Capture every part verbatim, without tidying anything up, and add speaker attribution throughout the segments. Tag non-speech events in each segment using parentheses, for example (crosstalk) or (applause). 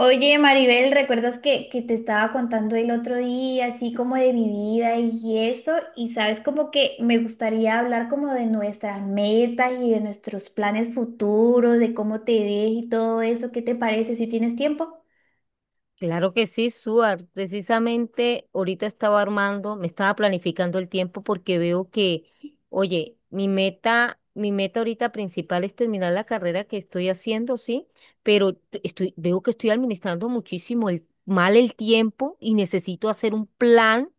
Speaker 1: Oye, Maribel, ¿recuerdas que, que te estaba contando el otro día, así como de mi vida y eso? Y sabes, como que me gustaría hablar como de nuestras metas y de nuestros planes futuros, de cómo te ves y todo eso. ¿Qué te parece si tienes tiempo?
Speaker 2: Claro que sí, Suar. Precisamente ahorita estaba armando, me estaba planificando el tiempo porque veo que, oye, mi meta, mi meta ahorita principal es terminar la carrera que estoy haciendo, sí, pero t- estoy, veo que estoy administrando muchísimo el, mal el tiempo y necesito hacer un plan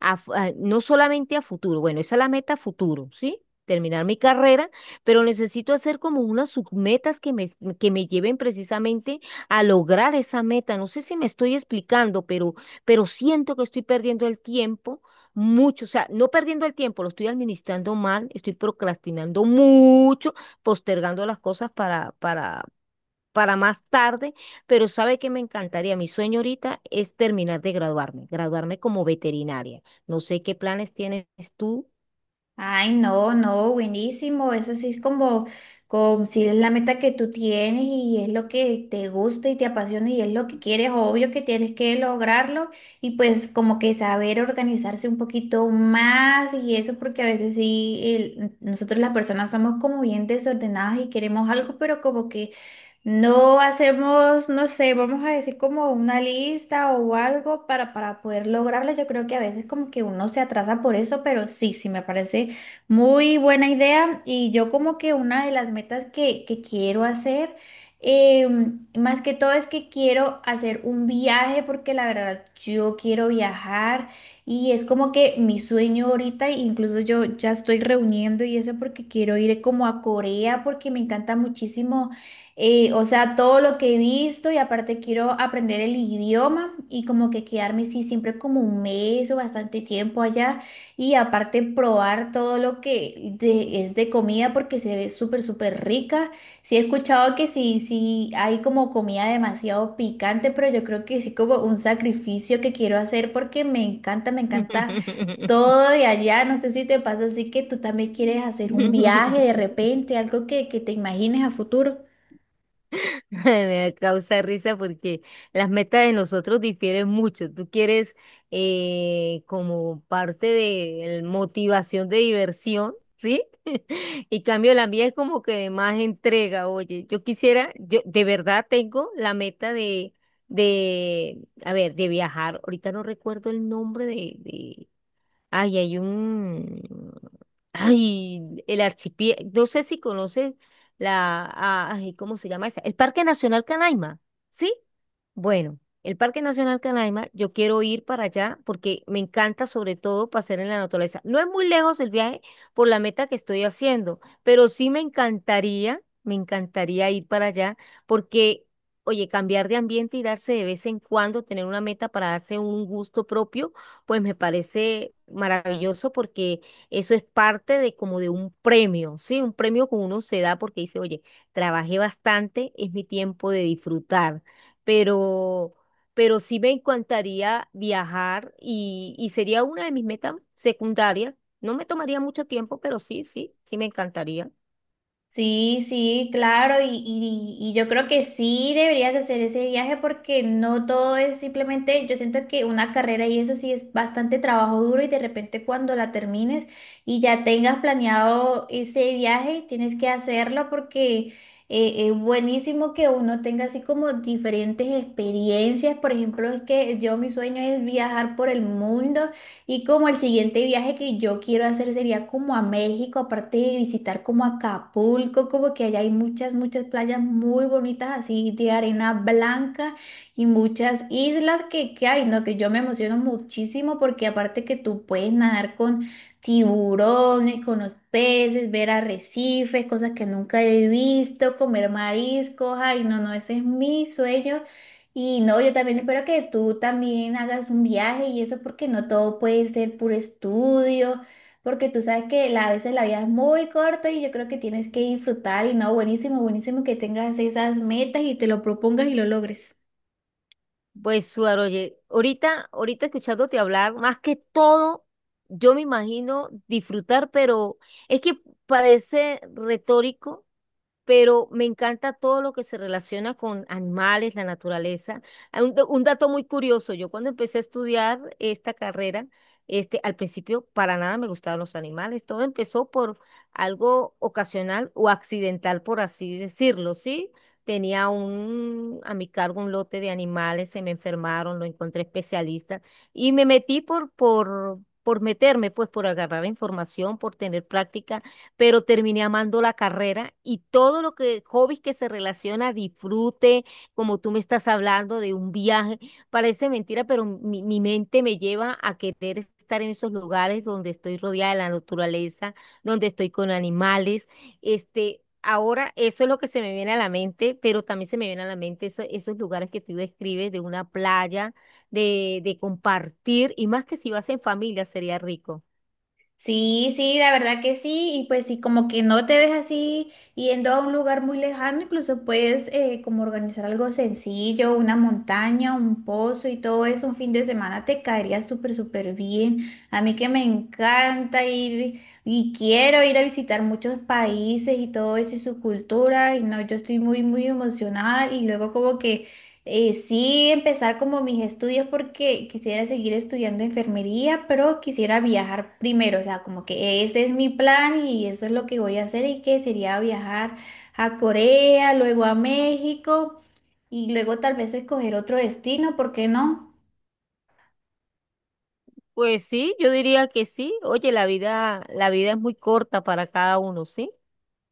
Speaker 2: a fu- a- no solamente a futuro. Bueno, esa es la meta a futuro, ¿sí? Terminar mi carrera, pero necesito hacer como unas submetas que me, que me lleven precisamente a lograr esa meta. No sé si me estoy explicando, pero, pero siento que estoy perdiendo el tiempo mucho. O sea, no perdiendo el tiempo, lo estoy administrando mal, estoy procrastinando mucho, postergando las cosas para, para, para más tarde, pero sabe que me encantaría, mi sueño ahorita es terminar de graduarme, graduarme como veterinaria. No sé qué planes tienes tú.
Speaker 1: Ay, no, no, buenísimo. Eso sí es como, como si es la meta que tú tienes y es lo que te gusta y te apasiona y es lo que quieres, obvio que tienes que lograrlo y pues como que saber organizarse un poquito más y eso porque a veces sí, el- nosotros las personas somos como bien desordenadas y queremos algo, pero como que no hacemos, no sé, vamos a decir como una lista o algo para, para poder lograrlo. Yo creo que a veces como que uno se atrasa por eso, pero sí, sí, me parece muy buena idea. Y yo como que una de las metas que, que quiero hacer, eh, más que todo es que quiero hacer un viaje porque la verdad yo quiero viajar y es como que mi sueño ahorita, e incluso yo ya estoy reuniendo y eso porque quiero ir como a Corea porque me encanta muchísimo eh, o sea, todo lo que he visto y aparte quiero aprender el idioma y como que quedarme, sí, siempre como un mes o bastante tiempo allá y aparte probar todo lo que de- es de comida porque se ve súper, súper rica. Sí, he escuchado que sí, sí, hay como comida demasiado picante, pero yo creo que sí como un sacrificio que quiero hacer porque me encanta, me encanta todo de allá. No sé si te pasa así que tú también quieres hacer un viaje de
Speaker 2: (laughs)
Speaker 1: repente, algo que, que te imagines a futuro.
Speaker 2: (laughs) Me causa risa porque las metas de nosotros difieren mucho. Tú quieres eh, como parte de el- motivación de diversión, ¿sí? (laughs) Y cambio la mía es como que de más entrega. Oye, yo quisiera, yo de verdad tengo la meta de, de, a ver, de viajar. Ahorita no recuerdo el nombre de, de, ay, hay un Ay, el archipiélago, no sé si conoces la, a- ay, ¿cómo se llama esa? El Parque Nacional Canaima, ¿sí? Bueno, el Parque Nacional Canaima, yo quiero ir para allá porque me encanta sobre todo pasear en la naturaleza. No es muy lejos el viaje por la meta que estoy haciendo, pero sí me encantaría, me encantaría ir para allá porque, oye, cambiar de ambiente y darse de vez en cuando, tener una meta para darse un gusto propio, pues me parece maravilloso porque eso es parte de como de un premio, ¿sí? Un premio que uno se da porque dice, oye, trabajé bastante, es mi tiempo de disfrutar, pero, pero sí me encantaría viajar y, y sería una de mis metas secundarias. No me tomaría mucho tiempo, pero sí, sí, sí me encantaría.
Speaker 1: Sí, sí, claro, y, y- y yo creo que sí deberías hacer ese viaje porque no todo es simplemente, yo siento que una carrera y eso sí es bastante trabajo duro y de repente cuando la termines y ya tengas planeado ese viaje, tienes que hacerlo porque eh, es buenísimo que uno tenga así como diferentes experiencias. Por ejemplo, es que yo mi sueño es viajar por el mundo y como el siguiente viaje que yo quiero hacer sería como a México, aparte de visitar como Acapulco, como que allá hay muchas, muchas playas muy bonitas así de arena blanca y muchas islas que, que hay, ¿no? Que yo me emociono muchísimo porque aparte que tú puedes nadar con tiburones, con los peces, ver arrecifes, cosas que nunca he visto, comer mariscos, ay, no, no, ese es mi sueño y no, yo también espero que tú también hagas un viaje y eso porque no todo puede ser puro estudio, porque tú sabes que la- a veces la vida es muy corta y yo creo que tienes que disfrutar y no, buenísimo, buenísimo que tengas esas metas y te lo propongas y lo logres.
Speaker 2: Pues, Suar, oye, ahorita, ahorita escuchándote hablar, más que todo, yo me imagino disfrutar, pero es que parece retórico, pero me encanta todo lo que se relaciona con animales, la naturaleza. Ah, Un, un dato muy curioso, yo cuando empecé a estudiar esta carrera, este, al principio para nada me gustaban los animales, todo empezó por algo ocasional o accidental, por así decirlo, ¿sí? Tenía un, a mi cargo un lote de animales, se me enfermaron, lo encontré especialista y me metí por, por, por meterme, pues por agarrar información, por tener práctica, pero terminé amando la carrera y todo lo que, hobbies que se relaciona, disfrute, como tú me estás hablando de un viaje, (laughs) parece mentira, pero mi, mi mente me lleva a querer estar en esos lugares donde estoy rodeada de la naturaleza, donde estoy con animales, este... Ahora, eso es lo que se me viene a la mente, pero también se me viene a la mente eso- esos lugares que tú describes de una playa, de, de compartir, y más que si vas en familia, sería rico.
Speaker 1: Sí, sí, la verdad que sí, y pues sí, como que no te ves así yendo a un lugar muy lejano, incluso puedes eh, como organizar algo sencillo, una montaña, un pozo y todo eso, un fin de semana te caería súper, súper bien. A mí que me encanta ir y quiero ir a visitar muchos países y todo eso y su cultura, y no, yo estoy muy, muy emocionada y luego como que... Eh, sí, empezar como mis estudios porque quisiera seguir estudiando enfermería, pero quisiera viajar primero, o sea, como que ese es mi plan y eso es lo que voy a hacer y que sería viajar a Corea, luego a México y luego tal vez escoger otro destino, ¿por qué no?
Speaker 2: Pues sí, yo diría que sí. Oye, la vida, la vida es muy corta para cada uno, ¿sí?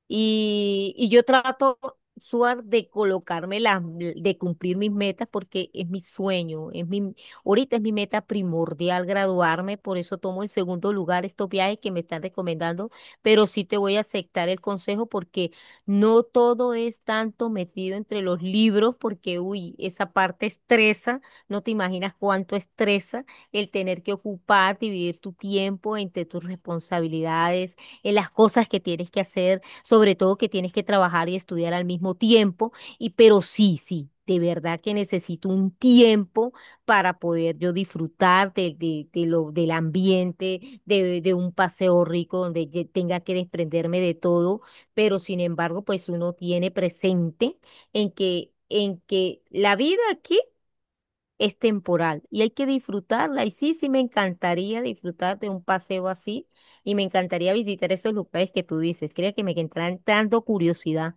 Speaker 2: Y, y yo trato, Suar, de colocarme las, de cumplir mis metas porque es mi sueño, es mi, ahorita es mi meta primordial graduarme, por eso tomo en segundo lugar estos viajes que me están recomendando, pero sí te voy a aceptar el consejo porque no todo es tanto metido entre los libros porque, uy, esa parte estresa, no te imaginas cuánto estresa el tener que ocupar, dividir tu tiempo entre tus responsabilidades, en las cosas que tienes que hacer, sobre todo que tienes que trabajar y estudiar al mismo tiempo, y pero sí, sí. De verdad que necesito un tiempo para poder yo disfrutar de, de- de lo, del ambiente, de, de un paseo rico donde ye- tenga que desprenderme de todo, pero sin embargo, pues uno tiene presente en que, en que la vida aquí es temporal y hay que disfrutarla. Y sí, sí, me encantaría disfrutar de un paseo así y me encantaría visitar esos lugares que tú dices. Creo que me que entrando curiosidad.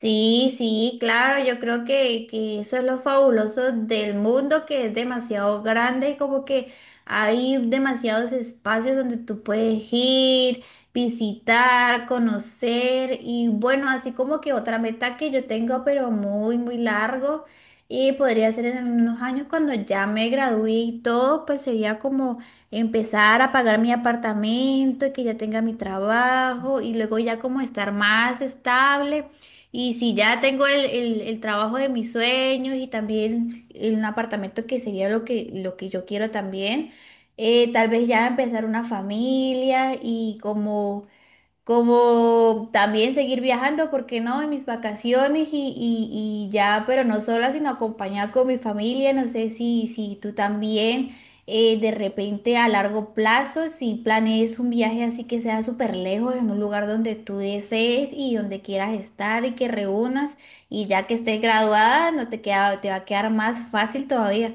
Speaker 1: Sí, sí, claro, yo creo que, que eso es lo fabuloso del mundo, que es demasiado grande y como que hay demasiados espacios donde tú puedes ir, visitar, conocer y bueno, así como que otra meta que yo tengo, pero muy, muy largo y podría ser en unos años cuando ya me gradué y todo, pues sería como empezar a pagar mi apartamento y que ya tenga mi trabajo y luego ya como estar más estable. Y si ya tengo el, el- el trabajo de mis sueños y también en un apartamento que sería lo que, lo que yo quiero también, eh, tal vez ya empezar una familia y como como también seguir viajando, ¿por qué no? En mis vacaciones y, y- y ya, pero no sola, sino acompañada con mi familia. No sé si, si tú también eh, de repente a largo plazo, si planees un viaje así que sea súper lejos, en un lugar donde tú desees y donde quieras estar y que reúnas y ya que estés graduada, no te queda, te va a quedar más fácil todavía.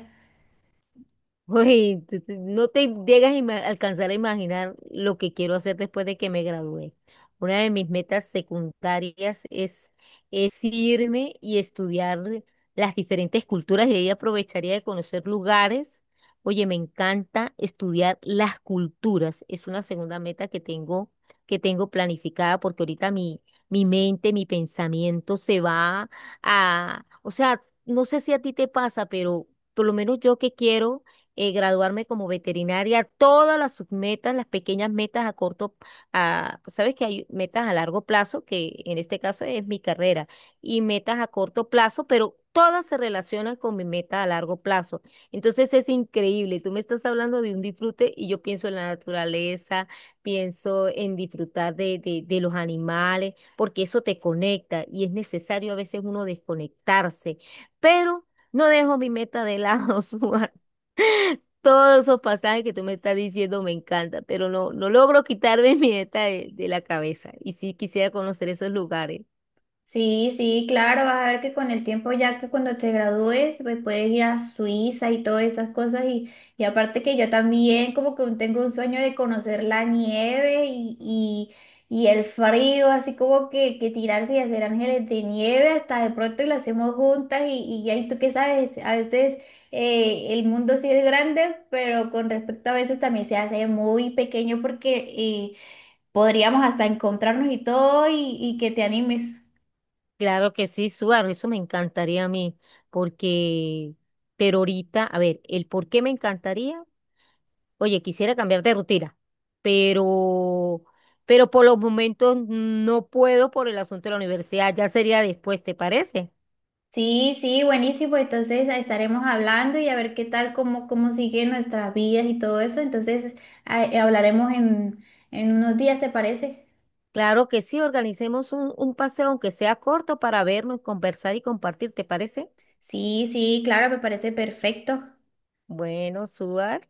Speaker 2: Uy, tú- tú no te llegas a ima- alcanzar a imaginar lo que quiero hacer después de que me gradué. Una de mis metas secundarias es, es irme y estudiar las diferentes culturas y ahí aprovecharía de conocer lugares. Oye, me encanta estudiar las culturas. Es una segunda meta que tengo, que tengo planificada porque ahorita mi, mi mente, mi pensamiento se va a, o sea, no sé si a ti te pasa, pero por lo menos yo que quiero eh, graduarme como veterinaria, todas las submetas, las pequeñas metas a corto, a, sabes que hay metas a largo plazo, que en este caso es mi carrera, y metas a corto plazo, pero todas se relacionan con mi meta a largo plazo. Entonces es increíble, tú me estás hablando de un disfrute y yo pienso en la naturaleza, pienso en disfrutar de, de, de los animales, porque eso te conecta y es necesario a veces uno desconectarse, pero no dejo mi meta de lado, (laughs) Suar. Todos esos pasajes que tú me estás diciendo me encanta, pero no, no logro quitarme (laughs) mi meta de, de la cabeza. Y sí quisiera conocer esos lugares.
Speaker 1: Sí, sí, claro, vas a ver que con el tiempo ya que cuando te gradúes, pues puedes ir a Suiza y todas esas cosas y, y aparte que yo también como que tengo un sueño de conocer la nieve y, y, y el frío, así como que, que tirarse y hacer ángeles de nieve hasta de pronto y lo hacemos juntas y, y ahí tú qué sabes, a veces eh, el mundo sí es grande, pero con respecto a veces también se hace muy pequeño porque eh, podríamos hasta encontrarnos y todo y, y que te animes.
Speaker 2: Claro que sí, Suar, eso me encantaría a mí, porque, pero ahorita, a ver, el por qué me encantaría, oye, quisiera cambiar de rutina, pero, pero por los momentos no puedo por el asunto de la universidad, ya sería después, ¿te parece?
Speaker 1: Sí, sí, buenísimo. Entonces estaremos hablando y a ver qué tal, cómo, cómo siguen nuestras vidas y todo eso. Entonces ah, eh, hablaremos en, en unos días, ¿te parece?
Speaker 2: Claro que sí, organicemos un, un paseo, aunque sea corto, para vernos, conversar y compartir, ¿te parece?
Speaker 1: Sí, sí, claro, me parece perfecto.
Speaker 2: Bueno, Suar,